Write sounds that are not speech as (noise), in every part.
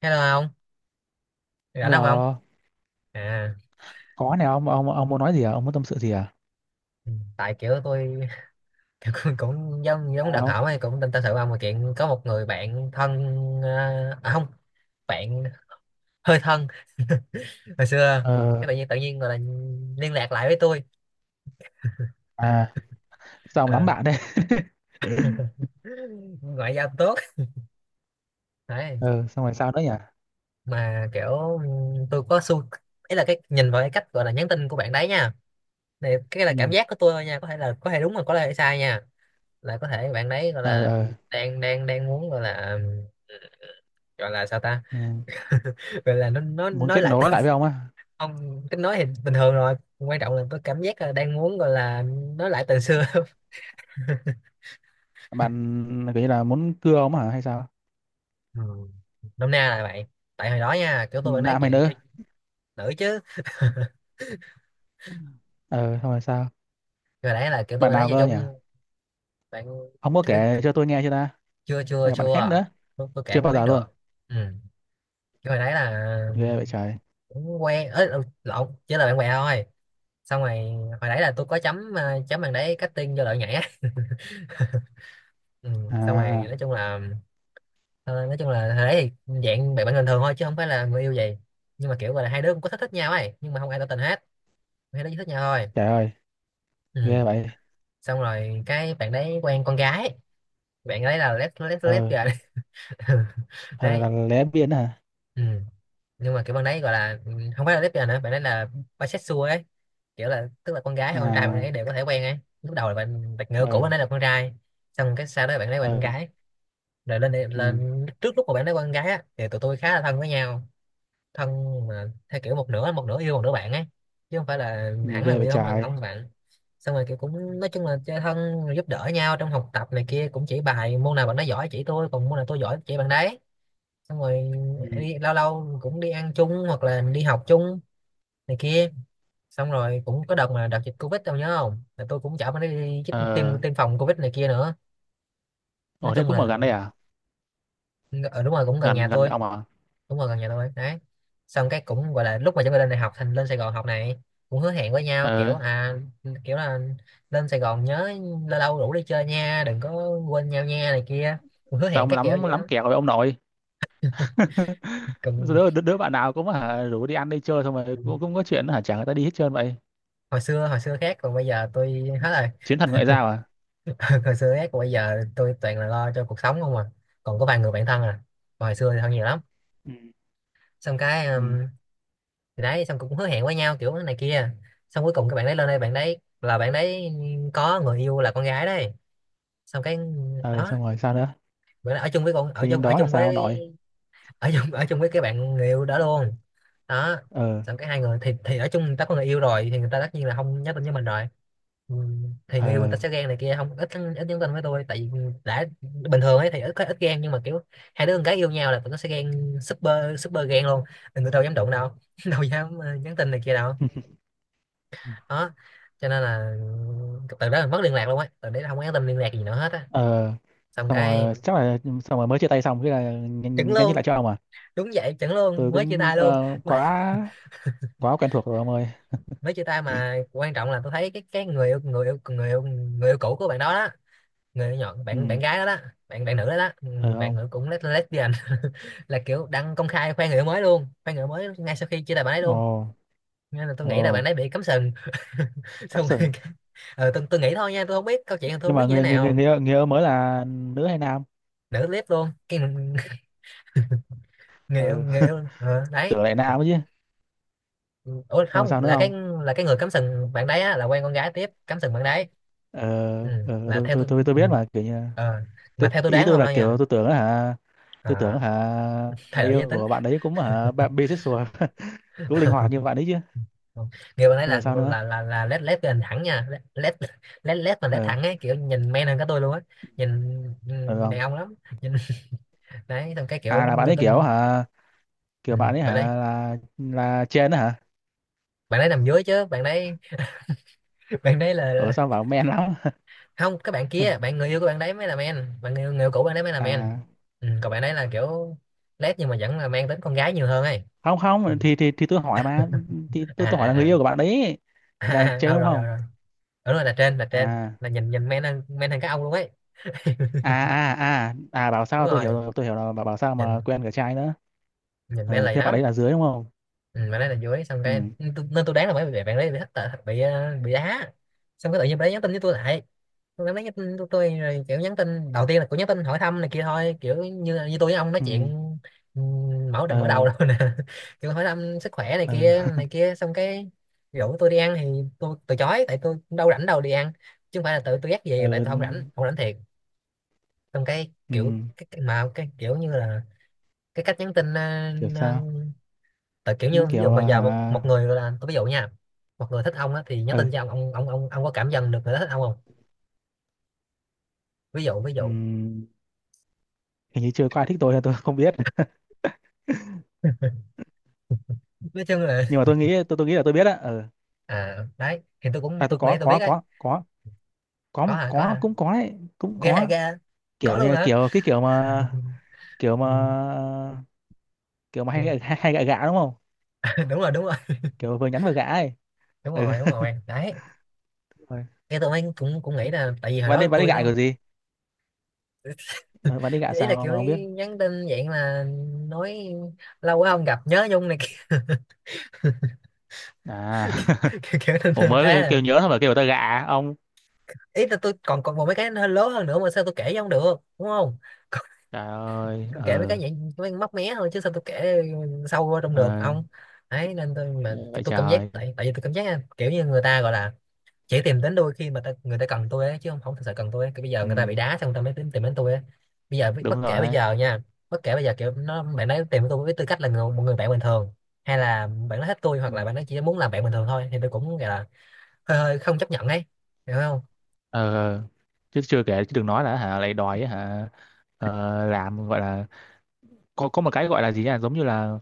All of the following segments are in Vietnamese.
Hello ông. Rảnh không ông? Là À, có này ông muốn nói gì à? Ông muốn tâm sự gì à? ừ, tại kiểu tôi (laughs) kiểu cũng cũng giống giống đặc Sao? hảo ấy, cũng tin tâm sự ông mà chuyện có một người bạn thân. Không. Bạn hơi thân. (laughs) Hồi xưa Ờ, cái tự nhiên gọi là liên lạc lại với tôi. à. Sao ông lắm Ờ, bạn đấy? (laughs) ngoại giao tốt đấy. Ờ, xong rồi sao nữa nhỉ? Mà kiểu tôi có xu, ấy là cái nhìn vào cái cách gọi là nhắn tin của bạn đấy nha. Này cái là cảm Ừ. giác của tôi thôi nha, có thể là có thể đúng mà có thể sai nha. Là có thể bạn đấy gọi Ờ, là ờ. đang đang đang muốn gọi là ừ, gọi là sao ta. Ừ. (laughs) Gọi là nó Muốn nói kết lại nối tình- lại với ông á? ông cái nói thì bình thường rồi, quan trọng là có cảm giác là đang muốn gọi là nói lại tình xưa. (laughs) Bạn kiểu như là muốn cưa ông hả hay sao? Ừ. Nôm na là vậy. Tại hồi đó nha kiểu tôi bạn nói Nạ mày chuyện cho nữa. nữ chứ. Ờ, xong rồi sao? Hồi đấy là kiểu tôi Bạn bạn nói nào chơi cơ chung nhỉ? bạn Ông có thứ- kể cho tôi nghe chưa ta? chưa chưa Hay là bạn khác chưa. nữa? Tôi kể Chưa mới bao biết giờ được. luôn. Ừ. Cái hồi đấy là Ghê vậy trời. cũng quen ấy, lộn chỉ là bạn bè thôi. Xong rồi hồi nãy là tôi có chấm chấm bằng đấy cutting vô lợi nhảy á. Ừ. Xong rồi À, nói chung là ờ, nói chung là hồi đấy thì dạng bạn bạn bình thường thôi, chứ không phải là người yêu gì. Nhưng mà kiểu gọi là hai đứa cũng có thích thích nhau ấy, nhưng mà không ai tỏ tình hết. Hai đứa chỉ thích nhau thôi. trời ơi, Ừ. ghê vậy. Xong rồi cái bạn đấy quen con gái. Bạn đấy là lép lép lép Ờ. rồi. (laughs) Ờ, Đấy. là lé biên hả? Ừ. Nhưng mà kiểu bạn đấy gọi là không phải là lép rồi nữa, bạn đấy là bisexual ấy. Kiểu là tức là con gái hay con trai bạn À. ấy đều có thể quen ấy, lúc đầu là bạn đặt ngựa cũ Ờ. bạn ấy là con trai. Xong cái sau đó bạn ấy quen con Ờ, gái. Rồi ừ, lên trước lúc mà bạn nói con gái á, thì tụi tôi khá là thân với nhau. Thân, mà theo kiểu một nửa yêu một nửa bạn ấy, chứ không phải là nhìn hẳn là ghê người vậy yêu, không hẳn trời. không là bạn. Xong rồi kiểu cũng nói chung là chơi thân rồi giúp đỡ nhau trong học tập này kia, cũng chỉ bài môn nào bạn nói giỏi chỉ tôi, còn môn nào tôi giỏi chỉ bạn đấy. Xong rồi Ừ. đi lâu lâu cũng đi ăn chung hoặc là đi học chung này kia. Xong rồi cũng có đợt mà đợt dịch covid tao nhớ không, là tôi cũng chở bạn ấy đi chích tiêm Ờ. tiêm phòng covid này kia nữa. Nói Ồ, thế chung cũng ở là gần đây à? ở, đúng rồi cũng gần Gần nhà gần nhà tôi. ông à? Đúng rồi gần nhà tôi đấy. Xong cái cũng gọi là lúc mà chúng ta lên đại học thành lên Sài Gòn học này, cũng hứa hẹn với nhau kiểu Ờ, à, kiểu là lên Sài Gòn nhớ lâu lâu rủ đi chơi nha, đừng có quên nhau nha này kia, cũng hứa sao hẹn ông các kiểu lắm vậy lắm đó. kẹo với ông nội. (laughs) Còn Đứa bạn nào cũng hả rủ đi ăn đi chơi xong rồi cũng có chuyện hả chả người ta đi hết trơn vậy. hồi xưa khác, còn bây giờ tôi hết rồi. Chiến thần ngoại giao à? (laughs) Hồi xưa khác, còn bây giờ tôi toàn là lo cho cuộc sống không à. Còn có vài người bạn thân à. Còn hồi xưa thì thân nhiều lắm. Ừ. Xong cái Ừ. thì đấy xong cũng hứa hẹn với nhau kiểu này kia. Xong cuối cùng các bạn đấy lên đây, bạn đấy là bạn đấy có người yêu là con gái đấy. Xong cái Ờ, đó xong rồi sao nữa? bữa đó ở chung với con ở Tự chung nhiên ở đó là chung sao ông với nội? ở chung với cái bạn người yêu đó luôn. Đó. Ờ. Xong cái hai người thì ở chung, người ta có người yêu rồi thì người ta tất nhiên là không nhắn tin với mình rồi. Ừ, thì người yêu người ta Ờ. sẽ ghen này kia không, ít ít nhắn tin với tôi tại vì đã bình thường ấy thì ít ít ghen, nhưng mà kiểu hai đứa con gái yêu nhau là tụi nó sẽ ghen super super ghen luôn. Người đâu dám đụng đâu. (laughs) Đâu dám nhắn tin này kia đâu. Đó. Cho nên là từ đó mình mất liên lạc luôn á, từ đấy là không có nhắn tin liên lạc gì nữa hết á. Ờ, Xong xong cái rồi chắc là xong rồi mới chia tay xong cái là chứng nhắn nhắn tin luôn. lại cho ông à? Đúng vậy chuẩn luôn Tôi mới chia cũng tay luôn. (laughs) Mới, quá quá quen thuộc rồi ông ơi. chia tay mà quan trọng là tôi thấy cái người yêu cũ của bạn đó đó. Người yêu nhỏ, bạn bạn Ừ. gái đó đó. Bạn bạn nữ đó đó ừ, Ờ, bạn ông. nữ cũng lesbian. (laughs) Là kiểu đăng công khai khoe người yêu mới luôn, khoe người yêu mới ngay sau khi chia tay bạn ấy Ồ. luôn. Nên là tôi Ồ. nghĩ là bạn ấy bị cắm sừng. (laughs) Cắm Xong rồi sừng. Tôi nghĩ thôi nha, tôi không biết câu chuyện, tôi không Nhưng biết mà như thế người người người nào. người, người, yêu mới là nữ hay nam? Nữ clip luôn cái người yêu Ừ. người (laughs) yêu đấy. Tưởng lại nam chứ. Ủa Xong rồi không, sao nữa là cái không? là cái người cắm sừng bạn đấy á, là quen con gái tiếp cắm sừng bạn đấy. Ờ. Ừ. Ờ, Là tôi theo tôi tôi. tôi tôi Ừ. biết mà kiểu như ờ, mà theo tôi ý đoán tôi không là đâu nha. kiểu tôi tưởng hả. Tôi tưởng Ờ, hả Thay người đổi yêu giới tính. của bạn ấy cũng hả bạn bisexual. (laughs) Cũng linh hoạt như (laughs) bạn ấy chứ. Không, người bạn ấy Xong rồi là sao nữa? là là là led led lên thẳng nha led led led mà led Ờ, thẳng ấy, kiểu nhìn men hơn cả tôi luôn á. Nhìn, ờ, đàn không ông lắm. Nhìn. (laughs) Đấy xong cái kiểu à. Là bạn người ấy ta kiểu hả kiểu ừ, bạn ấy bạn hả đấy là trên đó hả? bạn đấy nằm dưới chứ bạn đấy. (laughs) Bạn đấy là Ở sao bảo men lắm? không, các bạn kia (laughs) bạn người yêu của bạn đấy mới là men. Bạn người yêu cũ bạn đấy mới là men. À, Còn bạn đấy là kiểu lét nhưng mà vẫn là mang tính con gái nhiều hơn ấy. không. Ừ. Không thì tôi hỏi (laughs) mà. Thì tôi À tôi hỏi à là người à, yêu của bạn đấy à, thì là à. trên Ừ, đúng rồi rồi không? rồi, đúng rồi là trên À, là nhìn nhìn men hơn các ông luôn ấy. à, à, à, à, bảo Đúng sao tôi rồi hiểu rồi tôi hiểu là bảo bảo sao mà nhìn, quen cả trai nữa. nhìn men Ờ, lầy thế bạn lắm. ấy là dưới đúng không? Ừ, mà nói là dưới xong cái Ừ. nên tôi đoán là mấy bạn đấy bị hất tệ- bị ờ, bị đá. Xong cái tự nhiên bạn đấy nhắn tin với tôi lại. Tôi cảm nhắn tin của tôi rồi, kiểu nhắn tin đầu tiên là cũng nhắn tin hỏi thăm này kia thôi, kiểu như như tôi với ông nói chuyện. Ừ. Mở đầu mở đầu Ờ. rồi nè. (laughs) Kiểu hỏi thăm sức khỏe Ờ. Này (laughs) kia xong cái rủ tôi đi ăn thì tôi từ chối, tại tôi cũng đâu rảnh đâu đi ăn. Chứ không phải là tự tôi dắt về, tại Ờ. tôi không rảnh, không rảnh thiệt. Xong cái kiểu Ừ. cái kiểu như là cái cách nhắn tin. Kiểu ờ, sao? Tại kiểu Nó như ví dụ kiểu mà à, giờ một, hả? một người là tôi ví dụ nha. Một người thích ông á thì nhắn Ờ. tin cho ông, có cảm nhận được người đó thích ông không? ví dụ ví Ừ. dụ Hình như chưa có ai thích tôi. Tôi không biết. Nói chung (laughs) là Nhưng mà tôi nghĩ là tôi biết á. Ờ à đấy thì tôi cũng À, tôi tôi cũng nghĩ có tôi biết có đấy. có có có Có một hả? Có có hả? cũng có đấy cũng Ghê hả, có ghê hả? Có kiểu luôn hả? kiểu cái kiểu mà kiểu mà Ừ, kiểu mà ừ. Hay gạ gạ đúng không? (laughs) Đúng rồi đúng rồi Kiểu vừa nhắn vừa gạ ấy. đúng Ừ. rồi đúng rồi đấy. (laughs) Rồi. Cái tôi mới cũng cũng nghĩ là tại vì hồi bạn đó ấy bạn ấy tôi gạ nó. kiểu gì? (laughs) Ờ, bạn đi gạ Ý là sao ông mà kiểu không biết? nhắn tin dạng là nói lâu quá không gặp nhớ nhung này. (laughs) Kiểu, À. (laughs) kiểu, kiểu thế Ủa thế mới à. kêu nhớ thôi mà kêu người ta gạ. Ông. Ý là tôi còn còn một mấy cái nó lớn hơn nữa mà sao tôi kể với ông được đúng không? (laughs) Trời ơi. Tôi kể mấy cái Ờ vậy mấy móc mé thôi chứ sao tôi kể sâu vô trong được ờ, ông. Ấy nên tôi mà vậy tôi cảm giác trời. tại tại vì tôi cảm giác á, kiểu như người ta gọi là chỉ tìm đến tôi khi mà người ta cần tôi ấy, chứ không không thực sự cần tôi ấy. Cái bây giờ Ừ, người ta bị đá xong người ta mới tìm đến tôi ấy. Bây giờ đúng bất rồi kể bây đấy. giờ nha, bất kể bây giờ kiểu nó bạn ấy tìm tôi với tư cách là một người bạn bình thường, hay là bạn nói hết tôi, Ừ. hoặc là bạn ấy chỉ muốn làm bạn bình thường thôi thì tôi cũng gọi là hơi hơi không chấp nhận ấy. Hiểu không? Ờ, ờ. Chứ chưa kể chứ đừng nói là hả lại đòi ấy, hả. Ờ, làm gọi là có một cái gọi là gì nhỉ giống như là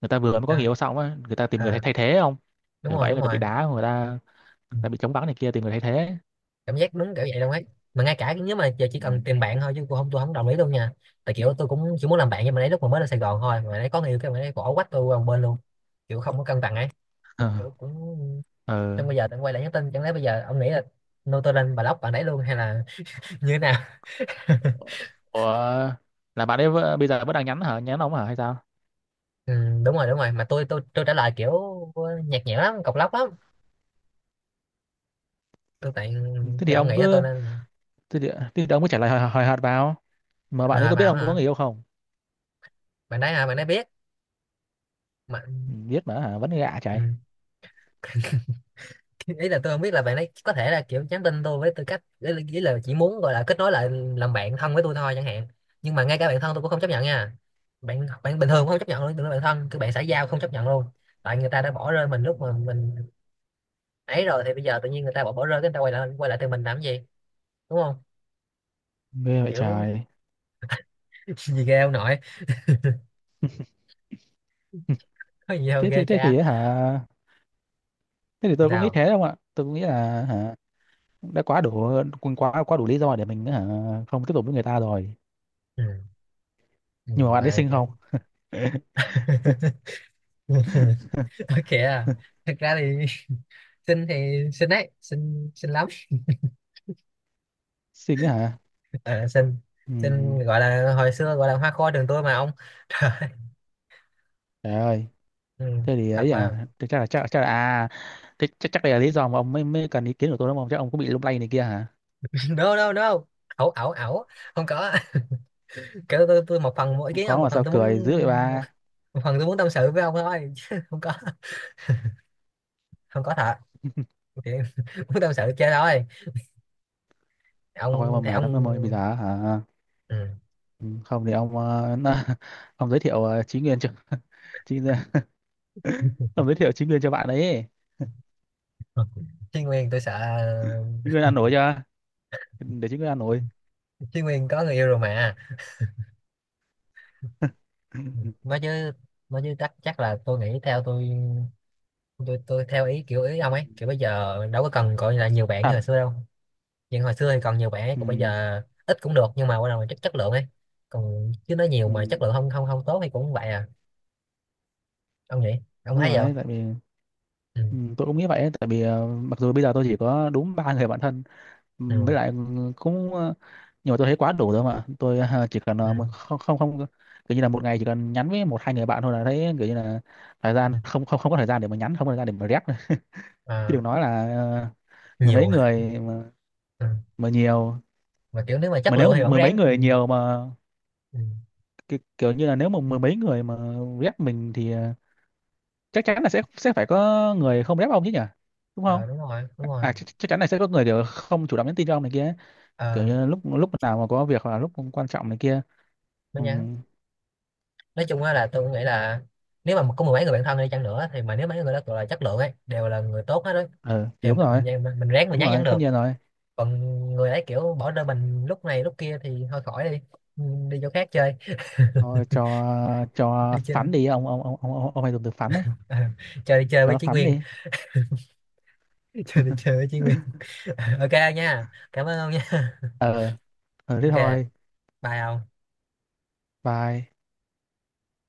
người ta vừa mới có người À. yêu xong á người ta tìm người Ờ. thay thay thế không? Đúng Kiểu rồi vậy đúng người ta bị rồi. đá Ừ. người ta bị chống vắng này kia tìm người thay thế. Cảm giác đúng kiểu vậy đâu ấy. Mà ngay cả nếu mà giờ chỉ Ừ. cần tìm bạn thôi chứ tôi không đồng ý luôn nha. Tại kiểu tôi cũng chỉ muốn làm bạn, nhưng mà đấy lúc mà mới lên Sài Gòn thôi mà đấy có người yêu cái mà đấy bỏ quách tôi qua một bên luôn, kiểu không có cân bằng ấy. (laughs) Ờ, Kiểu cũng ờ. xong bây giờ tôi quay lại nhắn tin, chẳng lẽ bây giờ ông nghĩ là nô tôi lên block bạn đấy luôn, hay là (laughs) như thế nào? Ủa là bây giờ vẫn đang nhắn hả nhắn ông hả hay sao? Ừ, đúng rồi đúng rồi, mà tôi trả lời kiểu nhạt nhẽo lắm, cộc lóc lắm. Tôi tại Ừ, thế thì thì ông ông nghĩ là tôi cứ nên. thế thì ông cứ trả lời hời hợt vào. Mà bạn ấy À, có biết bảo ông có hả, người yêu không? bạn đấy hả? Bạn đấy biết mà. Ừ, biết mà hả vẫn gạ Ừ. chạy. Ý là tôi không biết là bạn ấy có thể là kiểu nhắn tin tôi với tư cách, ý là chỉ muốn gọi là kết nối lại, làm bạn thân với tôi thôi chẳng hạn. Nhưng mà ngay cả bạn thân tôi cũng không chấp nhận nha. Bạn bạn bình thường cũng không chấp nhận luôn, đừng nói bạn thân, cứ bạn xã giao không chấp nhận luôn. Tại người ta đã bỏ rơi mình Ừ, lúc mà mình ấy rồi thì bây giờ tự nhiên người ta bỏ bỏ rơi cái người ta quay lại từ mình làm gì? Đúng không? mê vậy Kiểu trời. (laughs) gì ghê ông nội. (laughs) Có gì đâu thế ghê thế thế cha. thì hả thế thì tôi cũng nghĩ Sao. thế không ạ tôi cũng nghĩ là hả đã quá đủ. Cũng quá quá đủ lý do để mình hả không tiếp tục với người ta rồi. Ừ. Ừ, Nhưng mà bạn ấy mà xinh kiểu không? (laughs) (laughs) ok à, thật ra thì (laughs) xinh thì xinh đấy, xinh xinh lắm. Xinh á hả? À, xin Ừ, xin gọi là hồi xưa gọi là hoa khôi trường tôi mà ông. (laughs) Trời ơi, trời ơi. ừ, Thế thì thật ấy mà. à thế chắc là chắc là à thế chắc chắc đây là lý do mà ông mới mới cần ý kiến của tôi đúng không chắc ông cũng bị lung lay này kia hả? (laughs) No no no, ẩu ẩu ẩu, không có. (laughs) Kiểu tôi một phần mỗi ý Không kiến ông, có một mà phần sao tôi muốn, cười dữ vậy ba. một phần tôi muốn tâm sự với ông thôi. (laughs) Chứ không có, không có thật. Thì (laughs) muốn tâm sự chơi thôi. Thôi mà Ông thì mệt lắm ông. em ơi bây giờ hả. Ừ. Ừ, không thì ông (laughs) ông giới thiệu Chí Nguyên cho. (laughs) Chí Nguyên. (laughs) Ông giới thiệu Chí Nguyên cho bạn ấy. Chí Nguyên tôi sợ. Chí Nguyên ăn nổi chưa? Để Chí Nguyên ăn nổi. Chí Nguyên có người yêu rồi mà. Ừ, (laughs) mới chứ, mới chứ, chắc chắc là tôi nghĩ theo tôi. Tôi theo ý kiểu ý ông ấy, kiểu bây giờ đâu có cần gọi là nhiều bạn như Thật. hồi xưa đâu. Nhưng hồi xưa thì còn nhiều bạn, còn bây Ừ, giờ ít cũng được, nhưng mà quan trọng là chất chất lượng ấy. Còn chứ nói nhiều ừ, mà chất lượng không không không tốt thì cũng vậy à. Ông nghĩ, ông đúng thấy rồi vậy đấy, không? tại vì Ừ. ừ, tôi cũng nghĩ vậy ấy, tại vì mặc dù bây giờ tôi chỉ có đúng ba người bạn thân. Ừ, Ừ. với lại cũng nhưng mà tôi thấy quá đủ rồi mà tôi chỉ cần Ừ. Không, không, không, kiểu như là một ngày chỉ cần nhắn với một hai người bạn thôi là thấy kiểu như là thời gian Ừ. không không không có thời gian để mà nhắn không có thời gian để mà rep. Chứ À, đừng nói là mười mấy nhiều. (laughs) người Ừ. mà nhiều Mà kiểu nếu mà chất mà nếu lượng mà thì vẫn mười mấy ráng ừ. người nhiều mà Ừ. Kiểu như là nếu mà mười mấy người mà rep mình thì chắc chắn là sẽ phải có người không rep ông chứ nhỉ đúng không? Ờ, đúng rồi đúng rồi. À chắc chắn là sẽ có người kiểu không chủ động nhắn tin cho ông này kia kiểu Ờ, như lúc lúc nào mà có việc hoặc là lúc quan trọng này kia. nó Ừ, nhắn. Nói chung á là tôi nghĩ là nếu mà có mười mấy người bạn thân đi chăng nữa, thì mà nếu mấy người đó gọi là chất lượng ấy đều là người tốt hết đấy, ừ thì thì mình, mình, mình ráng mình đúng nhắn nhắn rồi tất được. nhiên rồi. Còn người ấy kiểu bỏ rơi mình lúc này lúc kia thì thôi khỏi đi. Ừ, đi chỗ khác chơi. Thôi Đi cho chơi. phán đi ông ông hay dùng từ phán đấy. À, cho đi chơi Cho với nó Chí phán Nguyên. đi. (laughs) Cho đi chơi với Chí Nguyên. (laughs) (laughs) Ok ông nha. Cảm ơn ông nha. Ờ. Ừ, thế Ok. thôi. Bye ông. Bye.